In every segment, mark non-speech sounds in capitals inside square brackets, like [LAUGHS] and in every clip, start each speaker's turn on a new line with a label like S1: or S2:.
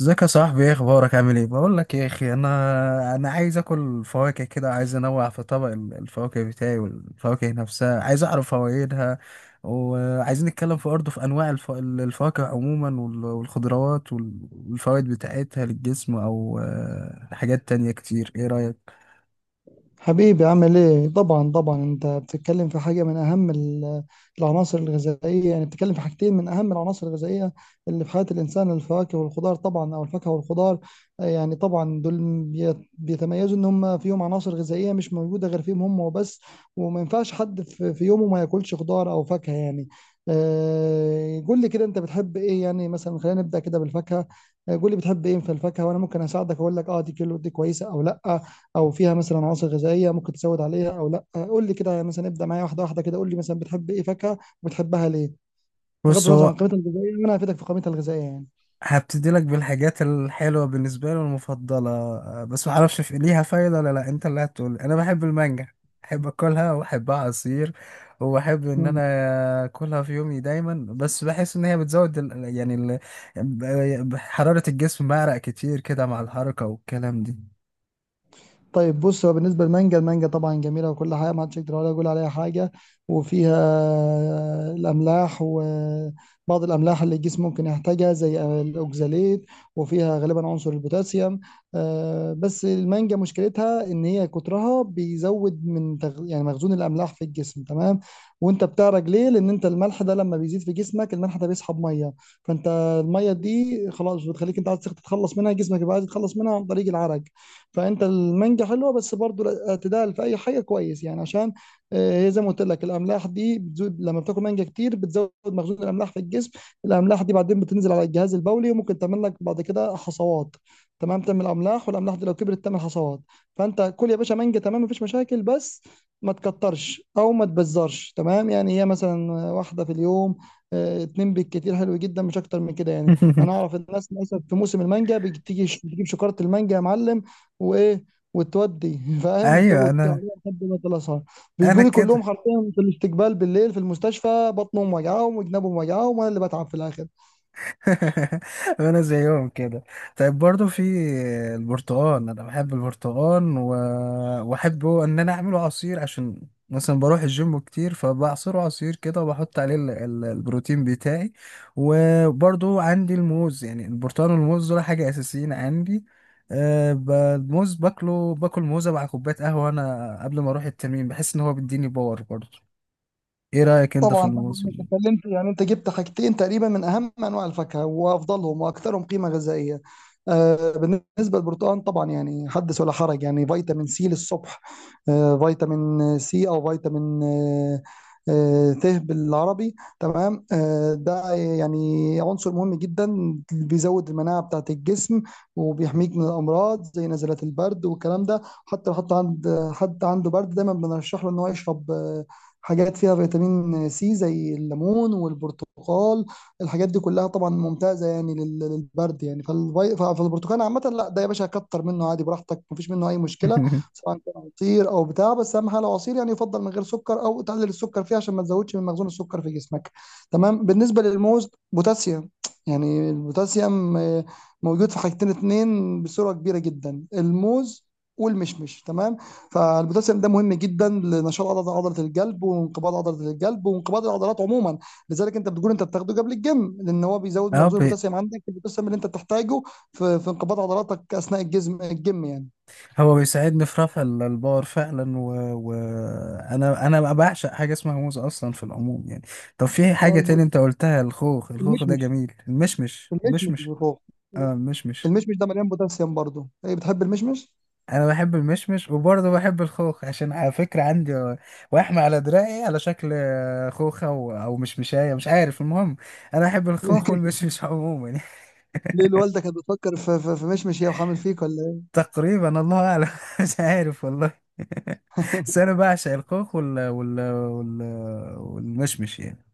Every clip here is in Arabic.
S1: ازيك يا صاحبي، ايه اخبارك؟ عامل ايه؟ بقول لك يا اخي، انا عايز اكل فواكه كده، عايز انوع في طبق الفواكه بتاعي، والفواكه نفسها عايز اعرف فوائدها. وعايزين نتكلم في برضه في انواع الفواكه عموما والخضروات والفوائد بتاعتها للجسم، او حاجات تانية كتير. ايه رأيك؟
S2: حبيبي عامل ايه؟ طبعا طبعا انت بتتكلم في حاجه من اهم العناصر الغذائيه. يعني بتتكلم في حاجتين من اهم العناصر الغذائيه اللي في حياه الانسان، الفواكه والخضار، طبعا او الفاكهه والخضار. يعني طبعا دول بيتميزوا ان هم فيهم عناصر غذائيه مش موجوده غير فيهم هم وبس. وما ينفعش حد في يومه ما ياكلش خضار او فاكهه، يعني. قول لي كده، انت بتحب ايه؟ يعني مثلا خلينا نبدا كده بالفاكهه. قول لي بتحب ايه في الفاكهه وانا ممكن اساعدك اقول لك اه دي كيلو دي كويسه او لا، او فيها مثلا عناصر غذائيه ممكن تزود عليها او لا. قول لي كده، يعني مثلا ابدا معايا واحده واحده كده، قول لي مثلا بتحب ايه فاكهه وبتحبها ليه، بغض
S1: بص
S2: النظر عن
S1: هو
S2: قيمتها الغذائيه، وانا هفيدك في قيمتها الغذائيه يعني.
S1: هبتدي لك بالحاجات الحلوة بالنسبة لي والمفضلة، بس ما اعرفش في ليها فايدة ولا لا، انت اللي هتقول. انا بحب المانجا، احب اكلها واحبها عصير، واحب ان
S2: مم.
S1: انا اكلها في يومي دايما. بس بحس ان هي بتزود ال... يعني ال... ب- حرارة الجسم، بعرق كتير كده مع الحركة والكلام دي.
S2: طيب بص، هو بالنسبة للمانجا، المانجا طبعا جميلة وكل حاجة، ما حدش يقدر ولا يقول عليها حاجة. وفيها الأملاح، وبعض الأملاح اللي الجسم ممكن يحتاجها زي الأوكزاليت، وفيها غالبا عنصر البوتاسيوم. بس المانجا مشكلتها إن هي كترها بيزود من يعني مخزون الأملاح في الجسم، تمام؟ وأنت بتعرج ليه؟ لأن أنت الملح ده لما بيزيد في جسمك، الملح ده بيسحب مية، فأنت المية دي خلاص بتخليك أنت عايز تتخلص منها، جسمك يبقى عايز يتخلص منها عن طريق العرق. فانت المانجا حلوه، بس برضو الاعتدال في اي حاجه كويس، يعني عشان هي زي ما قلت لك الاملاح دي بتزود، لما بتاكل مانجا كتير بتزود مخزون الاملاح في الجسم. الاملاح دي بعدين بتنزل على الجهاز البولي، وممكن تعمل لك بعد كده حصوات، تمام؟ تعمل املاح، والاملاح دي لو كبرت تعمل حصوات. فانت كل يا باشا مانجا، تمام، مفيش مشاكل، بس ما تكترش او ما تبزرش، تمام؟ يعني هي مثلا واحده في اليوم، اتنين بالكتير، حلو جدا، مش اكتر من كده يعني. انا
S1: [LAUGHS]
S2: اعرف الناس مثلا في موسم المانجا بتيجي بتجيب شكاره المانجا يا معلم، وايه، وتودي [LAUGHS] فاهم،
S1: ايوه
S2: تقعد
S1: انا،
S2: تعمل لحد ما تلصها.
S1: انا
S2: بيجوا لي كلهم
S1: كده.
S2: حرفيا في الاستقبال بالليل في المستشفى، بطنهم وجعهم وجنابهم وجعهم، وانا اللي بتعب في الاخر.
S1: [LAUGHS] انا زيهم كده. طيب برضو في البرتقال، انا بحب البرتقال واحبه ان انا اعمله عصير، عشان مثلا بروح الجيم كتير، فبعصره عصير كده وبحط عليه البروتين بتاعي. وبرضو عندي الموز، يعني البرتقال والموز دول حاجة اساسيين عندي. الموز باكله، باكل موزة مع كوباية قهوة انا قبل ما اروح التمرين، بحس ان هو بيديني باور برضو. ايه رأيك انت في
S2: طبعا طبعا
S1: الموز
S2: انت اتكلمت، يعني انت جبت حاجتين تقريبا من اهم انواع الفاكهه وافضلهم واكثرهم قيمه غذائيه. بالنسبه للبرتقال طبعا، يعني حدث ولا حرج، يعني فيتامين سي للصبح. فيتامين سي، او فيتامين ت بالعربي، تمام، ده يعني عنصر مهم جدا، بيزود المناعه بتاعه الجسم، وبيحميك من الامراض زي نزلات البرد والكلام ده. حتى لو حد عنده برد دايما بنرشح له ان هو يشرب حاجات فيها فيتامين سي زي الليمون والبرتقال. الحاجات دي كلها طبعا ممتازة، يعني للبرد يعني، فالبرتقال عامة، لا ده يا باشا كتر منه عادي براحتك، مفيش منه أي مشكلة،
S1: [LAUGHS]
S2: سواء كان عصير أو بتاع. بس أهم حاجة لو عصير، يعني يفضل من غير سكر، أو تقلل السكر فيه عشان ما تزودش من مخزون السكر في جسمك، تمام. بالنسبة للموز، بوتاسيوم، يعني البوتاسيوم موجود في حاجتين اتنين بصورة كبيرة جدا، الموز والمشمش، تمام. فالبوتاسيوم ده مهم جدا لنشاط عضله الجلب، وانقباض عضله الجلب، وانقباض العضلات عموما. لذلك انت بتقول انت بتاخده قبل الجيم، لان هو بيزود
S1: اه،
S2: مخزون البوتاسيوم عندك، البوتاسيوم اللي انت بتحتاجه في انقباض عضلاتك اثناء الجيم يعني.
S1: هو بيساعدني في رفع البار فعلا، وانا و... و- انا أنا بعشق حاجه اسمها موز اصلا في العموم يعني. طب في
S2: ده
S1: حاجه تاني
S2: الب-
S1: انت قلتها، الخوخ، الخوخ ده
S2: المشمش،
S1: جميل، المشمش،
S2: المشمش
S1: المشمش.
S2: اللي فوق،
S1: اه المشمش،
S2: المشمش ده مليان بوتاسيوم برضه. ايه، بتحب المشمش؟
S1: انا بحب المشمش وبرضه بحب الخوخ، عشان على فكره عندي وحمة على دراعي على شكل خوخه او أو مشمشايه، مش عارف. المهم انا بحب الخوخ والمشمش عموما. [LAUGHS]
S2: ليه، الوالده كانت بتفكر في مشمش هي وحامل فيك ولا؟
S1: تقريبا، الله اعلم. [LAUGHS] مش عارف والله. [LAUGHS] بس انا بعشق الخوخ والمشمش يعني.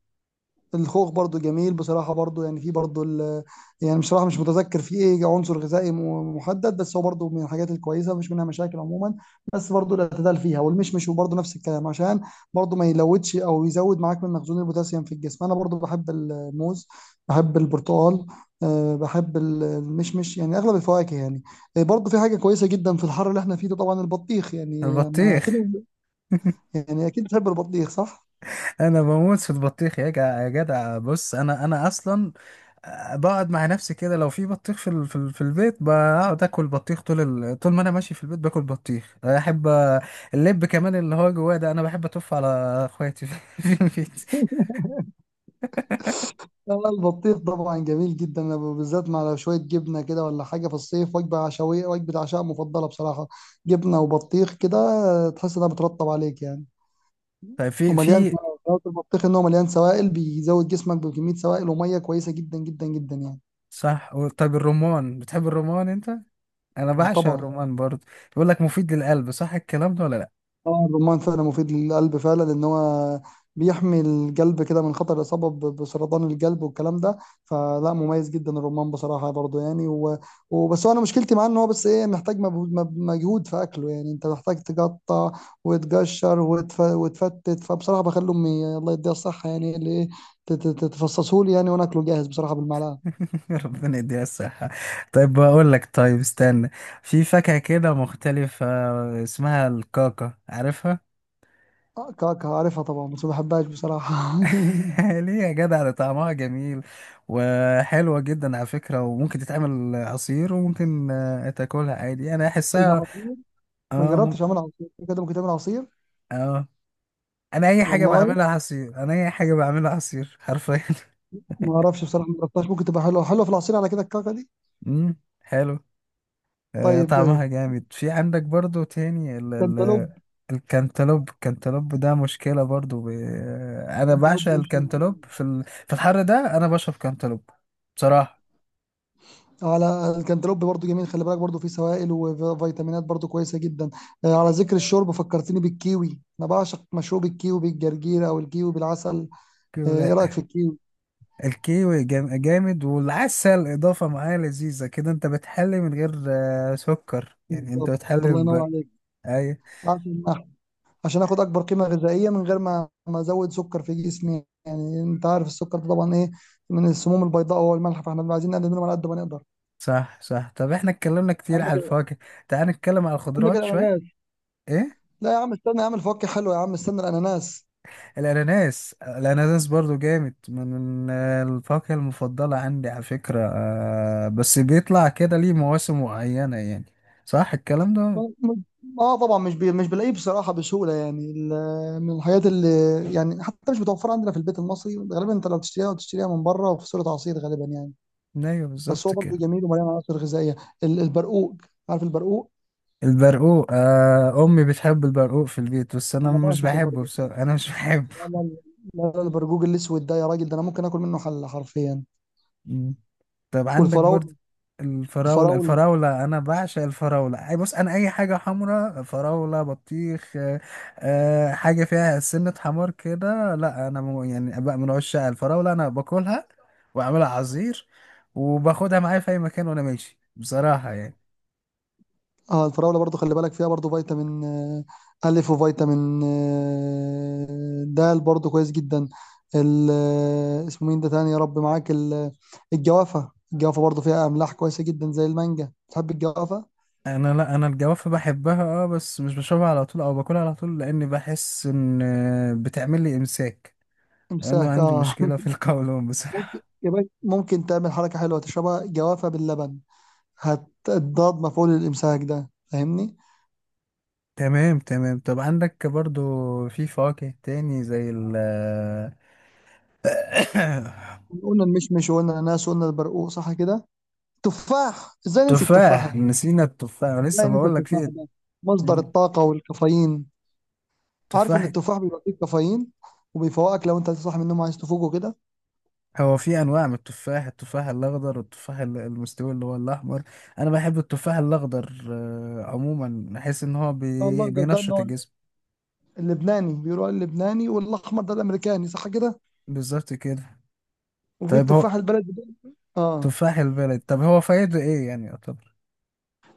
S2: الخوخ برضو جميل بصراحة، برضو يعني في برضو يعني بصراحة مش متذكر في ايه عنصر غذائي محدد، بس هو برضو من الحاجات الكويسة، مفيش منها مشاكل عموما. بس برضو الاعتدال فيها، والمشمش وبرضو نفس الكلام، عشان برضو ما يلودش او يزود معاك من مخزون البوتاسيوم في الجسم. انا برضو بحب الموز، بحب البرتقال، بحب المشمش يعني، اغلب الفواكه يعني. برضو في حاجة كويسة جدا في الحر اللي احنا فيه ده، طبعا البطيخ يعني، ما كده؟
S1: البطيخ. [LAUGHS]
S2: يعني اكيد بتحب البطيخ، صح؟
S1: انا بموت في البطيخ يا جدع يا جدع. بص انا اصلا، بقعد مع نفسي كده لو في بطيخ في البيت، بقعد اكل بطيخ طول طول ما انا ماشي في البيت باكل بطيخ. احب اللب كمان اللي هو جواه ده، انا بحب اتف على اخواتي في [LAUGHS] في البيت.
S2: البطيخ طبعا جميل جدا، أنا بالذات مع لو شويه جبنه كده ولا حاجه في الصيف، وجبه عشوائيه، وجبه عشاء مفضله بصراحه. جبنه وبطيخ كده، تحس انها بترطب عليك يعني.
S1: طيب في
S2: ومليان
S1: في
S2: سوائل، البطيخ ان هو مليان سوائل، بيزود جسمك بكميه سوائل وميه كويسه جدا جدا جدا يعني.
S1: صح. طيب الرمان، بتحب الرمان انت؟ انا بعشق
S2: طبعا.
S1: الرمان برضه، بيقول لك مفيد للقلب، صح الكلام ده ولا لا؟
S2: اه، الرمان فعلا مفيد للقلب فعلا، لان هو بيحمي القلب كده من خطر الاصابه بسرطان القلب والكلام ده. فلا، مميز جدا الرمان بصراحه برضو يعني، وبس هو انا مشكلتي معاه ان هو بس ايه، محتاج مجهود، مجهود في اكله، يعني انت محتاج تقطع وتقشر وتفتت. فبصراحه بخلي امي، الله يديها الصحه، يعني اللي ايه، تفصصه لي يعني، وانا اكله جاهز بصراحه بالمعلقه.
S1: [LAUGHS] ربنا يديها الصحة. طيب بقول لك، طيب استنى، في فاكهة كده مختلفة اسمها الكاكا، عارفها؟
S2: كعكه عارفها طبعا، بس ما بحبهاش بصراحه [LAUGHS]
S1: [LAUGHS] ليه يا جدع، ده طعمها جميل وحلوة جدا على فكرة، وممكن تتعمل عصير وممكن تاكلها عادي، انا
S2: ايه ده،
S1: احسها.
S2: عصير؟ ما
S1: اه
S2: جربتش اعمل عصير كده. ممكن تعمل عصير؟
S1: اه، انا اي حاجة
S2: والله
S1: بعملها عصير، انا اي حاجة بعملها عصير حرفيا. [LAUGHS]
S2: ما اعرفش بصراحه، ما جربتهاش. ممكن تبقى حلوه، حلوه في العصير على كده الكعكه دي.
S1: حلو.
S2: طيب،
S1: طعمها جامد. في عندك برضو تاني ال ال
S2: كانتالوب.
S1: الكنتالوب، الكنتالوب ده مشكلة برضو ب... آه، أنا
S2: كانتالوب
S1: بعشق
S2: وش
S1: الكنتالوب
S2: يعني.
S1: في في الحر ده أنا بشرب كنتالوب بصراحة
S2: على الكنتالوب برضو جميل، خلي بالك برضو فيه سوائل وفيتامينات، برضو كويسه جدا. على ذكر الشرب، فكرتني بالكيوي، انا بعشق مشروب الكيوي بالجرجير او الكيوي بالعسل.
S1: كده.
S2: ايه رايك في الكيوي؟
S1: الكيوي جامد، والعسل إضافة معاه لذيذة كده، أنت بتحلي من غير سكر يعني، أنت
S2: بالظبط.
S1: بتحلي
S2: الله ينور
S1: ب...
S2: عليك.
S1: أي.
S2: عشان اخد اكبر قيمه غذائيه من غير ما ازود سكر في جسمي. يعني انت عارف السكر ده طبعا ايه، من السموم البيضاء، والملح، فاحنا عايزين نقلل منهم على قد ما نقدر.
S1: صح صح. طب إحنا اتكلمنا كتير على
S2: عندك
S1: الفواكه، تعال نتكلم على
S2: عندك
S1: الخضروات شوية.
S2: الاناناس.
S1: إيه؟
S2: لا يا عم استنى، يا عم الفواكه حلوه، يا عم استنى الاناناس.
S1: الاناناس، الاناناس برضو جامد، من الفاكهة المفضلة عندي على فكرة، بس بيطلع كده ليه مواسم معينة يعني، صح الكلام ده؟
S2: م- اه طبعا، مش بلاقيه بصراحه بسهوله، يعني من الحاجات اللي يعني حتى مش متوفره عندنا في البيت المصري غالبا. انت لو تشتريها، وتشتريها من بره وفي صوره عصير غالبا يعني.
S1: ايوه بالظبط
S2: بس هو برضه
S1: كده.
S2: جميل ومليان عناصر غذائيه. البرقوق، عارف البرقوق؟
S1: البرقوق، آه امي بتحب البرقوق في البيت بس انا
S2: انا
S1: مش
S2: بعشق
S1: بحبه
S2: البرقوق.
S1: بصراحة، انا مش بحبه.
S2: لا لا، لا لا، البرقوق الاسود ده يا راجل، ده انا ممكن اكل منه حله حرفيا.
S1: مم. طب عندك برضه
S2: والفراوله.
S1: الفراولة،
S2: الفراوله.
S1: الفراولة، أنا بعشق الفراولة. أي بص، أنا أي حاجة حمرا: فراولة، بطيخ، حاجة فيها سنة حمار كده، لا أنا يعني بقى من عشاق الفراولة، أنا باكلها وأعملها عصير وباخدها معايا في أي مكان وأنا ماشي بصراحة يعني.
S2: اه، الفراولة برضو خلي بالك فيها، برضو فيتامين ألف، وفيتامين د، برضو كويس جدا. اسمه مين ده تاني، يا رب معاك، الجوافة. الجوافة برضو فيها أملاح كويسة جدا زي المانجا. تحب الجوافة؟
S1: أنا لا، أنا الجوافة بحبها أه، بس مش بشربها على طول أو باكلها على طول، لأني بحس إن بتعمل لي إمساك، أنا
S2: امساك،
S1: عندي
S2: اه.
S1: مشكلة في القولون
S2: [LAUGHS] ممكن
S1: بصراحة.
S2: يا باشا، ممكن تعمل حركة حلوة، تشربها جوافة باللبن، هتضاد مفعول الإمساك ده، فاهمني؟
S1: تمام تمام. طب عندك برضو في فواكه تاني زي ال... [COUGHS]
S2: قلنا المشمش، وقلنا الأناناس، وقلنا البرقوق، صح كده؟ تفاح، ازاي ننسى التفاح
S1: تفاح،
S2: يا.
S1: نسينا التفاح
S2: لا،
S1: لسه
S2: انت
S1: بقول لك
S2: التفاح
S1: في...
S2: ده مصدر
S1: مم.
S2: الطاقة والكافيين. عارف ان
S1: تفاح.
S2: التفاح بيبقى فيه كافيين، وبيفوقك لو انت صاحي من النوم عايز تفوق وكده.
S1: هو في انواع من التفاح: التفاح الاخضر والتفاح المستوي اللي هو الاحمر. انا بحب التفاح الاخضر، عموما بحس ان هو
S2: اه، الاخضر ده اللي
S1: بينشط
S2: هو
S1: الجسم.
S2: اللبناني، بيقولوا عليه اللبناني، والاحمر ده الامريكاني، صح كده.
S1: بالظبط كده.
S2: وفي
S1: طيب هو
S2: التفاح البلدي ده. اه،
S1: تفاح البلد، طب هو فايده ايه يعني؟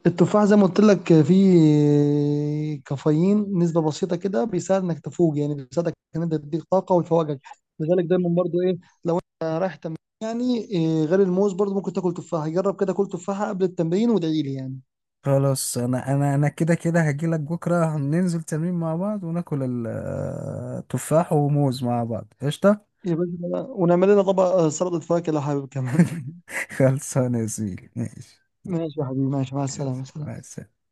S2: التفاح زي ما قلت لك فيه كافيين نسبة بسيطة كده، بيساعد انك تفوق يعني، بيساعدك ان انت تديك طاقة ويفوقك. لذلك دايما برضو ايه، لو انت رايح تمرين يعني، إيه غير الموز، برضو ممكن تاكل تفاحة. جرب كده، كل تفاحة قبل التمرين وادعي لي يعني.
S1: خلاص، انا كده كده هجيلك بكره، ننزل تمرين مع بعض وناكل تفاح وموز مع بعض، قشطه.
S2: يا باشا، ونعمل لنا طبق سلطة فاكهة لو حابب كمان.
S1: [LAUGHS] خلصانه يا زميلي، ماشي.
S2: [LAUGHS] ماشي يا حبيبي، ماشي، مع
S1: ماشي
S2: السلامة، سلام.
S1: مع السلامة.